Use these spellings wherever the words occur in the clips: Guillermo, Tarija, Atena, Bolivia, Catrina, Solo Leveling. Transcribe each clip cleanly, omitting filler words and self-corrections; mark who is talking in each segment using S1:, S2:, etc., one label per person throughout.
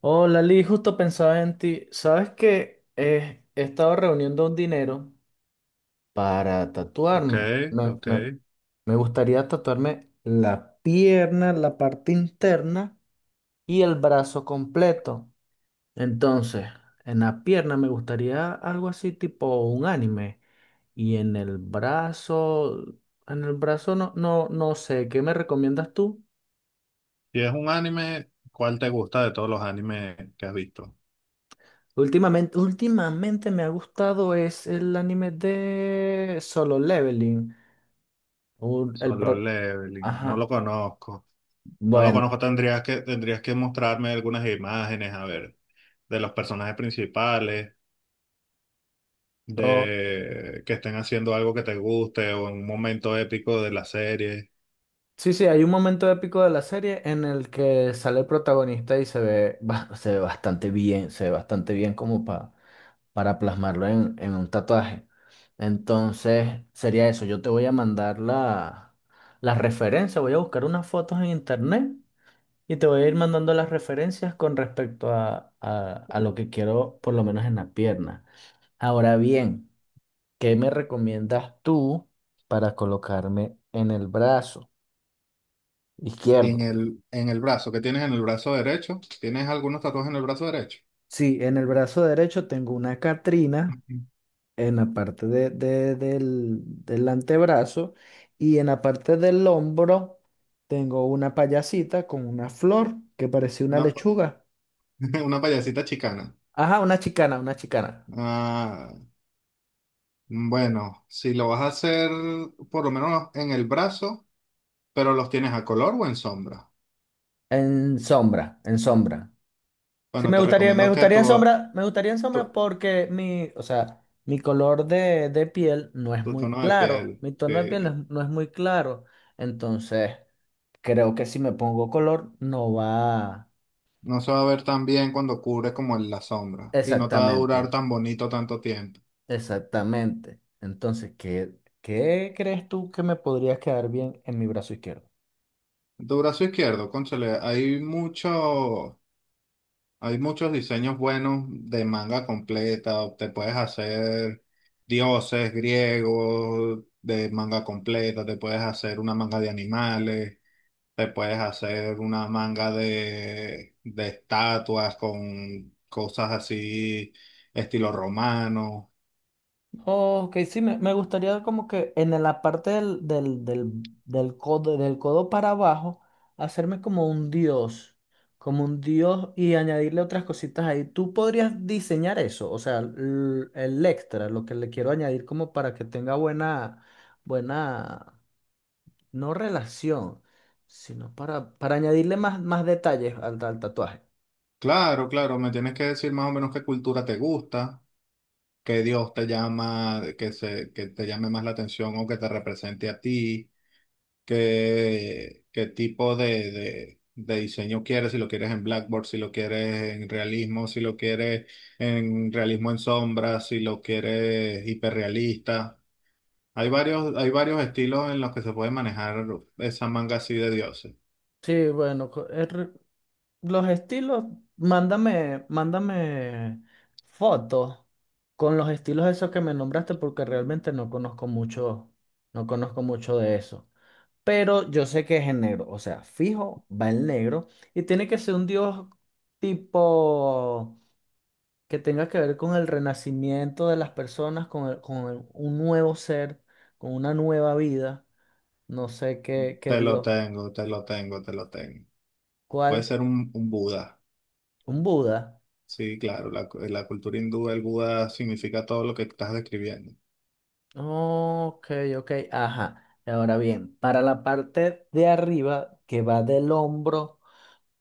S1: Hola, Lee, justo pensaba en ti. Sabes que he estado reuniendo un dinero para
S2: Ok,
S1: tatuarme. Me,
S2: ok.
S1: me- me gustaría tatuarme la pierna, la parte interna y el brazo completo. Entonces, en la pierna me gustaría algo así tipo un anime. Y en el brazo no, no, no sé. ¿Qué me recomiendas tú?
S2: Si es un anime, ¿cuál te gusta de todos los animes que has visto?
S1: Últimamente, últimamente me ha gustado es el anime de Solo Leveling. Un- el
S2: Solo
S1: pro-
S2: Leveling, no
S1: Ajá,
S2: lo conozco. No lo
S1: bueno.
S2: conozco, tendrías que mostrarme algunas imágenes, a ver, de los personajes principales,
S1: o-
S2: de que estén haciendo algo que te guste o en un momento épico de la serie.
S1: sí, sí, hay un momento épico de la serie en el que sale el protagonista y se ve, se ve bastante bien, se ve bastante bien para plasmarlo en un tatuaje. Entonces, sería eso. Yo te voy a mandar la referencia, voy a buscar unas fotos en internet. Y te voy a ir mandando las referencias con respecto a lo que quiero, por lo menos en la pierna. Ahora bien, ¿qué me recomiendas tú para colocarme en el brazo
S2: En
S1: izquierdo?
S2: el, en el brazo, ¿qué tienes en el brazo derecho? ¿Tienes algunos tatuajes en el brazo derecho?
S1: Sí, en el brazo derecho tengo una Catrina en la parte del del antebrazo y en la parte del hombro tengo una payasita con una flor que parecía una
S2: Una, pa-
S1: lechuga.
S2: una payasita chicana.
S1: Ajá, una chicana, una chicana.
S2: Ah, bueno, si lo vas a hacer por lo menos en el brazo, pero los tienes a color o en sombra.
S1: En sombra, en sombra. Sí,
S2: Bueno, te
S1: me
S2: recomiendo que
S1: gustaría en sombra, me gustaría en
S2: tu,
S1: sombra porque o sea, mi color de piel no es
S2: tu
S1: muy
S2: tono de
S1: claro,
S2: piel
S1: mi tono de piel no es, no es muy claro, entonces creo que si me pongo color no va.
S2: no se va a ver tan bien cuando cubre como en la sombra y no te va a durar
S1: Exactamente,
S2: tan bonito tanto tiempo.
S1: exactamente. Entonces, ¿qué crees tú que me podría quedar bien en mi brazo izquierdo?
S2: Tu brazo izquierdo, cónchale, hay muchos diseños buenos de manga completa. Te puedes hacer dioses griegos de manga completa, te puedes hacer una manga de animales. Te puedes hacer una manga de estatuas con cosas así, estilo romano.
S1: Oh, ok, sí, me gustaría como que en la parte del codo para abajo, hacerme como un dios y añadirle otras cositas ahí. ¿Tú podrías diseñar eso? O sea, el extra, lo que le quiero añadir como para que tenga buena, buena, no relación, sino para añadirle más, más detalles al tatuaje.
S2: Claro, claro, me tienes que decir más o menos qué cultura te gusta, qué dios te llama, que te llame más la atención o que te represente a ti. Qué tipo de diseño quieres, si lo quieres en Blackboard, si lo quieres en realismo, si lo quieres en realismo en sombra, si lo quieres hiperrealista. Hay varios estilos en los que se puede manejar esa manga así de dioses.
S1: Sí, bueno, los estilos, mándame, mándame fotos con los estilos esos que me nombraste porque realmente no conozco mucho, no conozco mucho de eso. Pero yo sé que es en negro, o sea, fijo, va en negro y tiene que ser un dios tipo que tenga que ver con el renacimiento de las personas, un nuevo ser, con una nueva vida, no sé qué
S2: Te lo
S1: dios,
S2: tengo, te lo tengo, te lo tengo. Puede
S1: ¿cuál?
S2: ser un Buda.
S1: Un Buda.
S2: Sí, claro, la cultura hindú, el Buda significa todo lo que estás describiendo.
S1: Ok, ok, ajá. Ahora bien, para la parte de arriba que va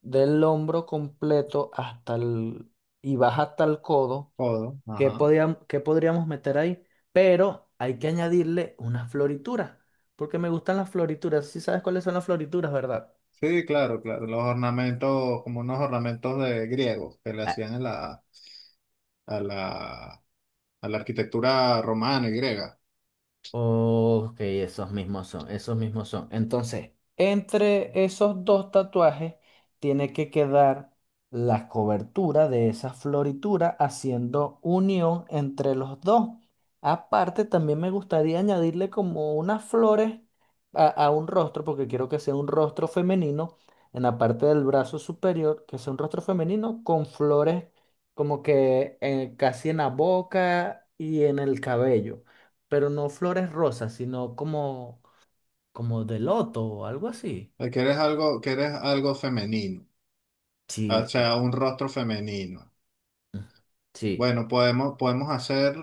S1: del hombro completo hasta el y baja hasta el codo,
S2: Todo, ajá.
S1: ¿qué podríamos meter ahí? Pero hay que añadirle unas florituras, porque me gustan las florituras. Sí sabes cuáles son las florituras, ¿verdad?
S2: Sí, claro, claro. Los ornamentos, como unos ornamentos de griegos que le hacían en la, a la, a la arquitectura romana y griega.
S1: Ok, esos mismos son, esos mismos son. Entonces, entre esos dos tatuajes tiene que quedar la cobertura de esa floritura haciendo unión entre los dos. Aparte, también me gustaría añadirle como unas flores a un rostro, porque quiero que sea un rostro femenino en la parte del brazo superior, que sea un rostro femenino con flores como que casi en la boca y en el cabello, pero no flores rosas, sino como, como de loto o algo así.
S2: Quieres algo femenino, ah,
S1: Sí,
S2: o sea, un rostro femenino.
S1: sí,
S2: Bueno, podemos hacer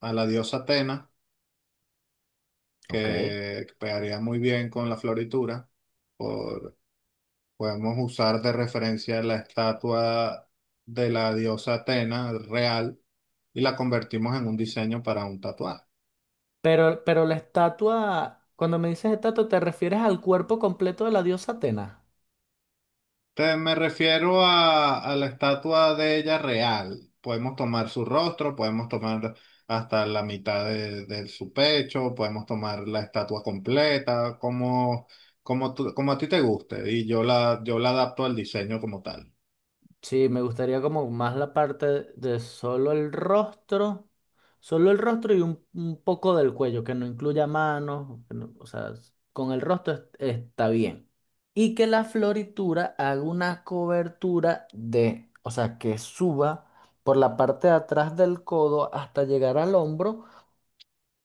S2: a la diosa Atena,
S1: ok.
S2: que pegaría muy bien con la floritura. Por- Podemos usar de referencia la estatua de la diosa Atena real y la convertimos en un diseño para un tatuaje.
S1: Pero la estatua, cuando me dices estatua, ¿te refieres al cuerpo completo de la diosa Atena?
S2: Me refiero a la estatua de ella real. Podemos tomar su rostro, podemos tomar hasta la mitad de su pecho, podemos tomar la estatua completa, como, como, como a ti te guste. Y yo la adapto al diseño como tal.
S1: Sí, me gustaría como más la parte de solo el rostro y un poco del cuello, que no incluya manos, que no- o sea, con el rostro está bien. Y que la floritura haga una cobertura de, o sea, que suba por la parte de atrás del codo hasta llegar al hombro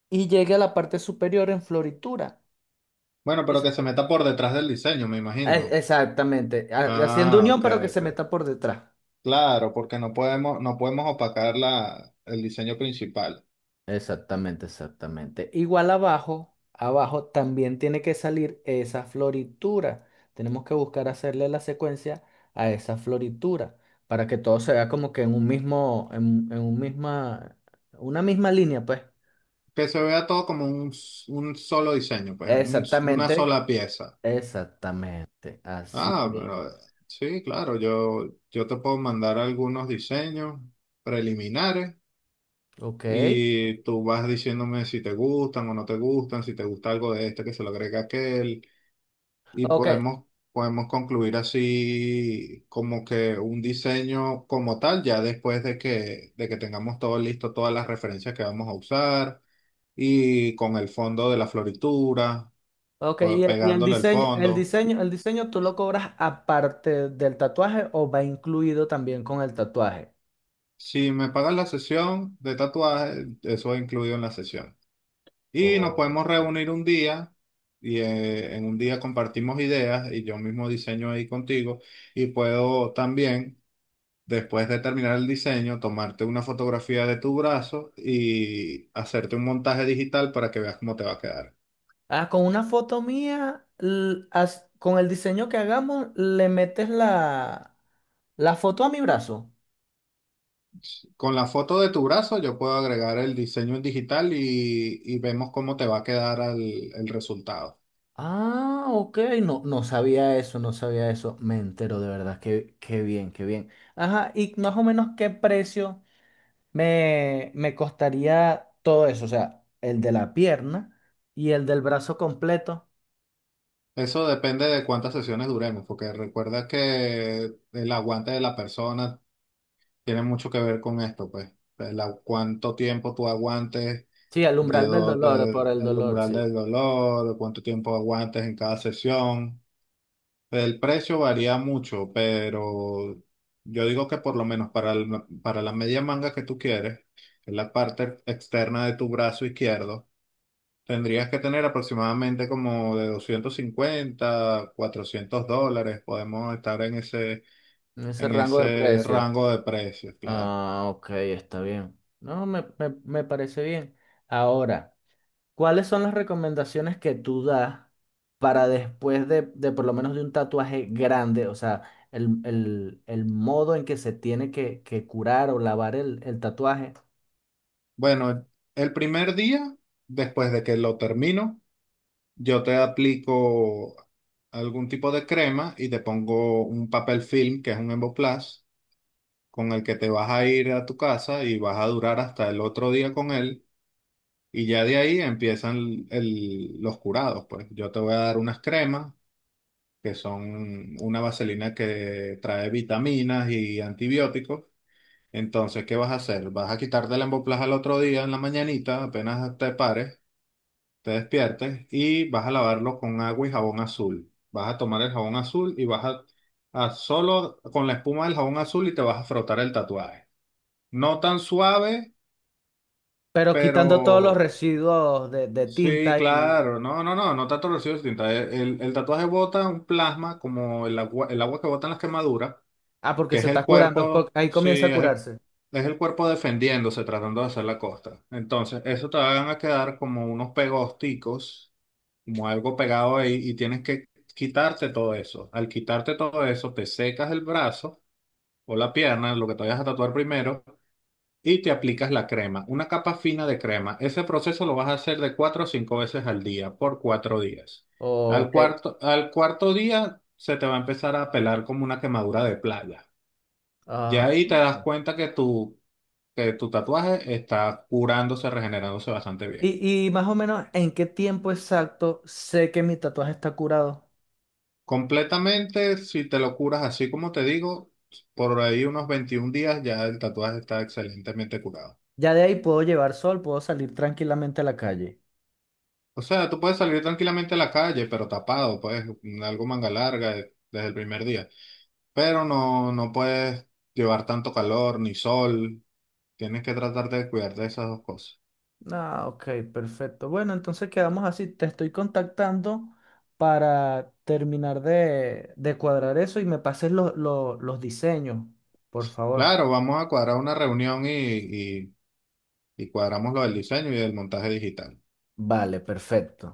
S1: y llegue a la parte superior en floritura.
S2: Bueno, pero
S1: Es-
S2: que se meta por detrás del diseño, me imagino.
S1: Exactamente, haciendo
S2: Ah,
S1: unión
S2: ok,
S1: pero que se
S2: ok.
S1: meta por detrás.
S2: Claro, porque no podemos opacar el diseño principal.
S1: Exactamente, exactamente. Igual abajo, abajo también tiene que salir esa floritura. Tenemos que buscar hacerle la secuencia a esa floritura para que todo se vea como que en un mismo, en un misma, una misma línea, pues.
S2: Que se vea todo como un solo diseño, pues, una
S1: Exactamente,
S2: sola pieza.
S1: exactamente, así
S2: Ah,
S1: mismo.
S2: pero sí, claro, yo te puedo mandar algunos diseños preliminares
S1: Ok,
S2: y tú vas diciéndome si te gustan o no te gustan, si te gusta algo de este que se lo agrega aquel y
S1: ok,
S2: podemos concluir así como que un diseño como tal ya después de que tengamos todo listo, todas las referencias que vamos a usar y con el fondo de la floritura,
S1: ok.
S2: pues,
S1: ¿Y
S2: pegándole el fondo.
S1: el diseño tú lo cobras aparte del tatuaje o va incluido también con el tatuaje?
S2: Si me pagan la sesión de tatuaje, eso es incluido en la sesión. Y nos
S1: Ok.
S2: podemos reunir un día y en un día compartimos ideas y yo mismo diseño ahí contigo y puedo también, después de terminar el diseño, tomarte una fotografía de tu brazo y hacerte un montaje digital para que veas cómo te va a quedar.
S1: Ah, con una foto mía, con el diseño que hagamos, le metes la foto a mi brazo.
S2: Con la foto de tu brazo yo puedo agregar el diseño en digital y vemos cómo te va a quedar el resultado.
S1: Ah, ok, no, no sabía eso, no sabía eso. Me entero de verdad, qué bien, qué bien. Ajá, y más o menos qué precio me costaría todo eso, o sea, el de la pierna y el del brazo completo.
S2: Eso depende de cuántas sesiones duremos, porque recuerda que el aguante de la persona tiene mucho que ver con esto, pues. Cuánto tiempo tú aguantes
S1: Sí, el umbral del dolor, por el
S2: del
S1: dolor,
S2: umbral
S1: sí.
S2: del dolor, cuánto tiempo aguantes en cada sesión. El precio varía mucho, pero yo digo que por lo menos para la media manga que tú quieres, que es la parte externa de tu brazo izquierdo, tendrías que tener aproximadamente como de $250 $400. Podemos estar
S1: Ese
S2: en
S1: rango de
S2: ese
S1: precio.
S2: rango de precios, claro.
S1: Ah, ok, está bien. No, me parece bien. Ahora, ¿cuáles son las recomendaciones que tú das para después de por lo menos de un tatuaje grande? O sea, el modo en que se tiene que curar o lavar el tatuaje.
S2: Bueno, el primer día, después de que lo termino, yo te aplico algún tipo de crema y te pongo un papel film, que es un Emboplast, con el que te vas a ir a tu casa y vas a durar hasta el otro día con él. Y ya de ahí empiezan los curados, pues. Yo te voy a dar unas cremas que son una vaselina que trae vitaminas y antibióticos. Entonces, ¿qué vas a hacer? Vas a quitarte la emboplaja al otro día en la mañanita, apenas te pares, te despiertes y vas a lavarlo con agua y jabón azul. Vas a tomar el jabón azul y a solo con la espuma del jabón azul y te vas a frotar el tatuaje. No tan suave,
S1: Pero
S2: pero
S1: quitando todos los residuos de
S2: sí,
S1: tinta y...
S2: claro, no tanto residuos de tinta. El, el tatuaje bota un plasma como el agua que botan las quemaduras,
S1: Ah, porque
S2: que es
S1: se
S2: el
S1: está curando, porque
S2: cuerpo,
S1: ahí comienza
S2: sí,
S1: a
S2: es
S1: curarse.
S2: es el cuerpo defendiéndose, tratando de hacer la costa. Entonces, eso te van a quedar como unos pegosticos, como algo pegado ahí, y tienes que quitarte todo eso. Al quitarte todo eso, te secas el brazo o la pierna, lo que te vayas a tatuar primero, y te aplicas la crema, una capa fina de crema. Ese proceso lo vas a hacer de cuatro o cinco veces al día, por 4 días. Al
S1: Ok.
S2: cuarto, al cuarto día se te va a empezar a pelar como una quemadura de playa. Ya
S1: Ah,
S2: ahí te das
S1: ok.
S2: cuenta que tu tatuaje está curándose, regenerándose bastante bien.
S1: Y más o menos, ¿en qué tiempo exacto sé que mi tatuaje está curado?
S2: Completamente, si te lo curas así como te digo, por ahí unos 21 días ya el tatuaje está excelentemente curado.
S1: Ya de ahí puedo llevar sol, puedo salir tranquilamente a la calle.
S2: O sea, tú puedes salir tranquilamente a la calle, pero tapado, pues algo manga larga desde el primer día. Pero no, no puedes llevar tanto calor ni sol. Tienes que tratar de cuidar de esas dos cosas.
S1: Ah, ok, perfecto. Bueno, entonces quedamos así. Te estoy contactando para terminar de cuadrar eso y me pases los los diseños, por favor.
S2: Claro, vamos a cuadrar una reunión y cuadramos lo del diseño y del montaje digital.
S1: Vale, perfecto.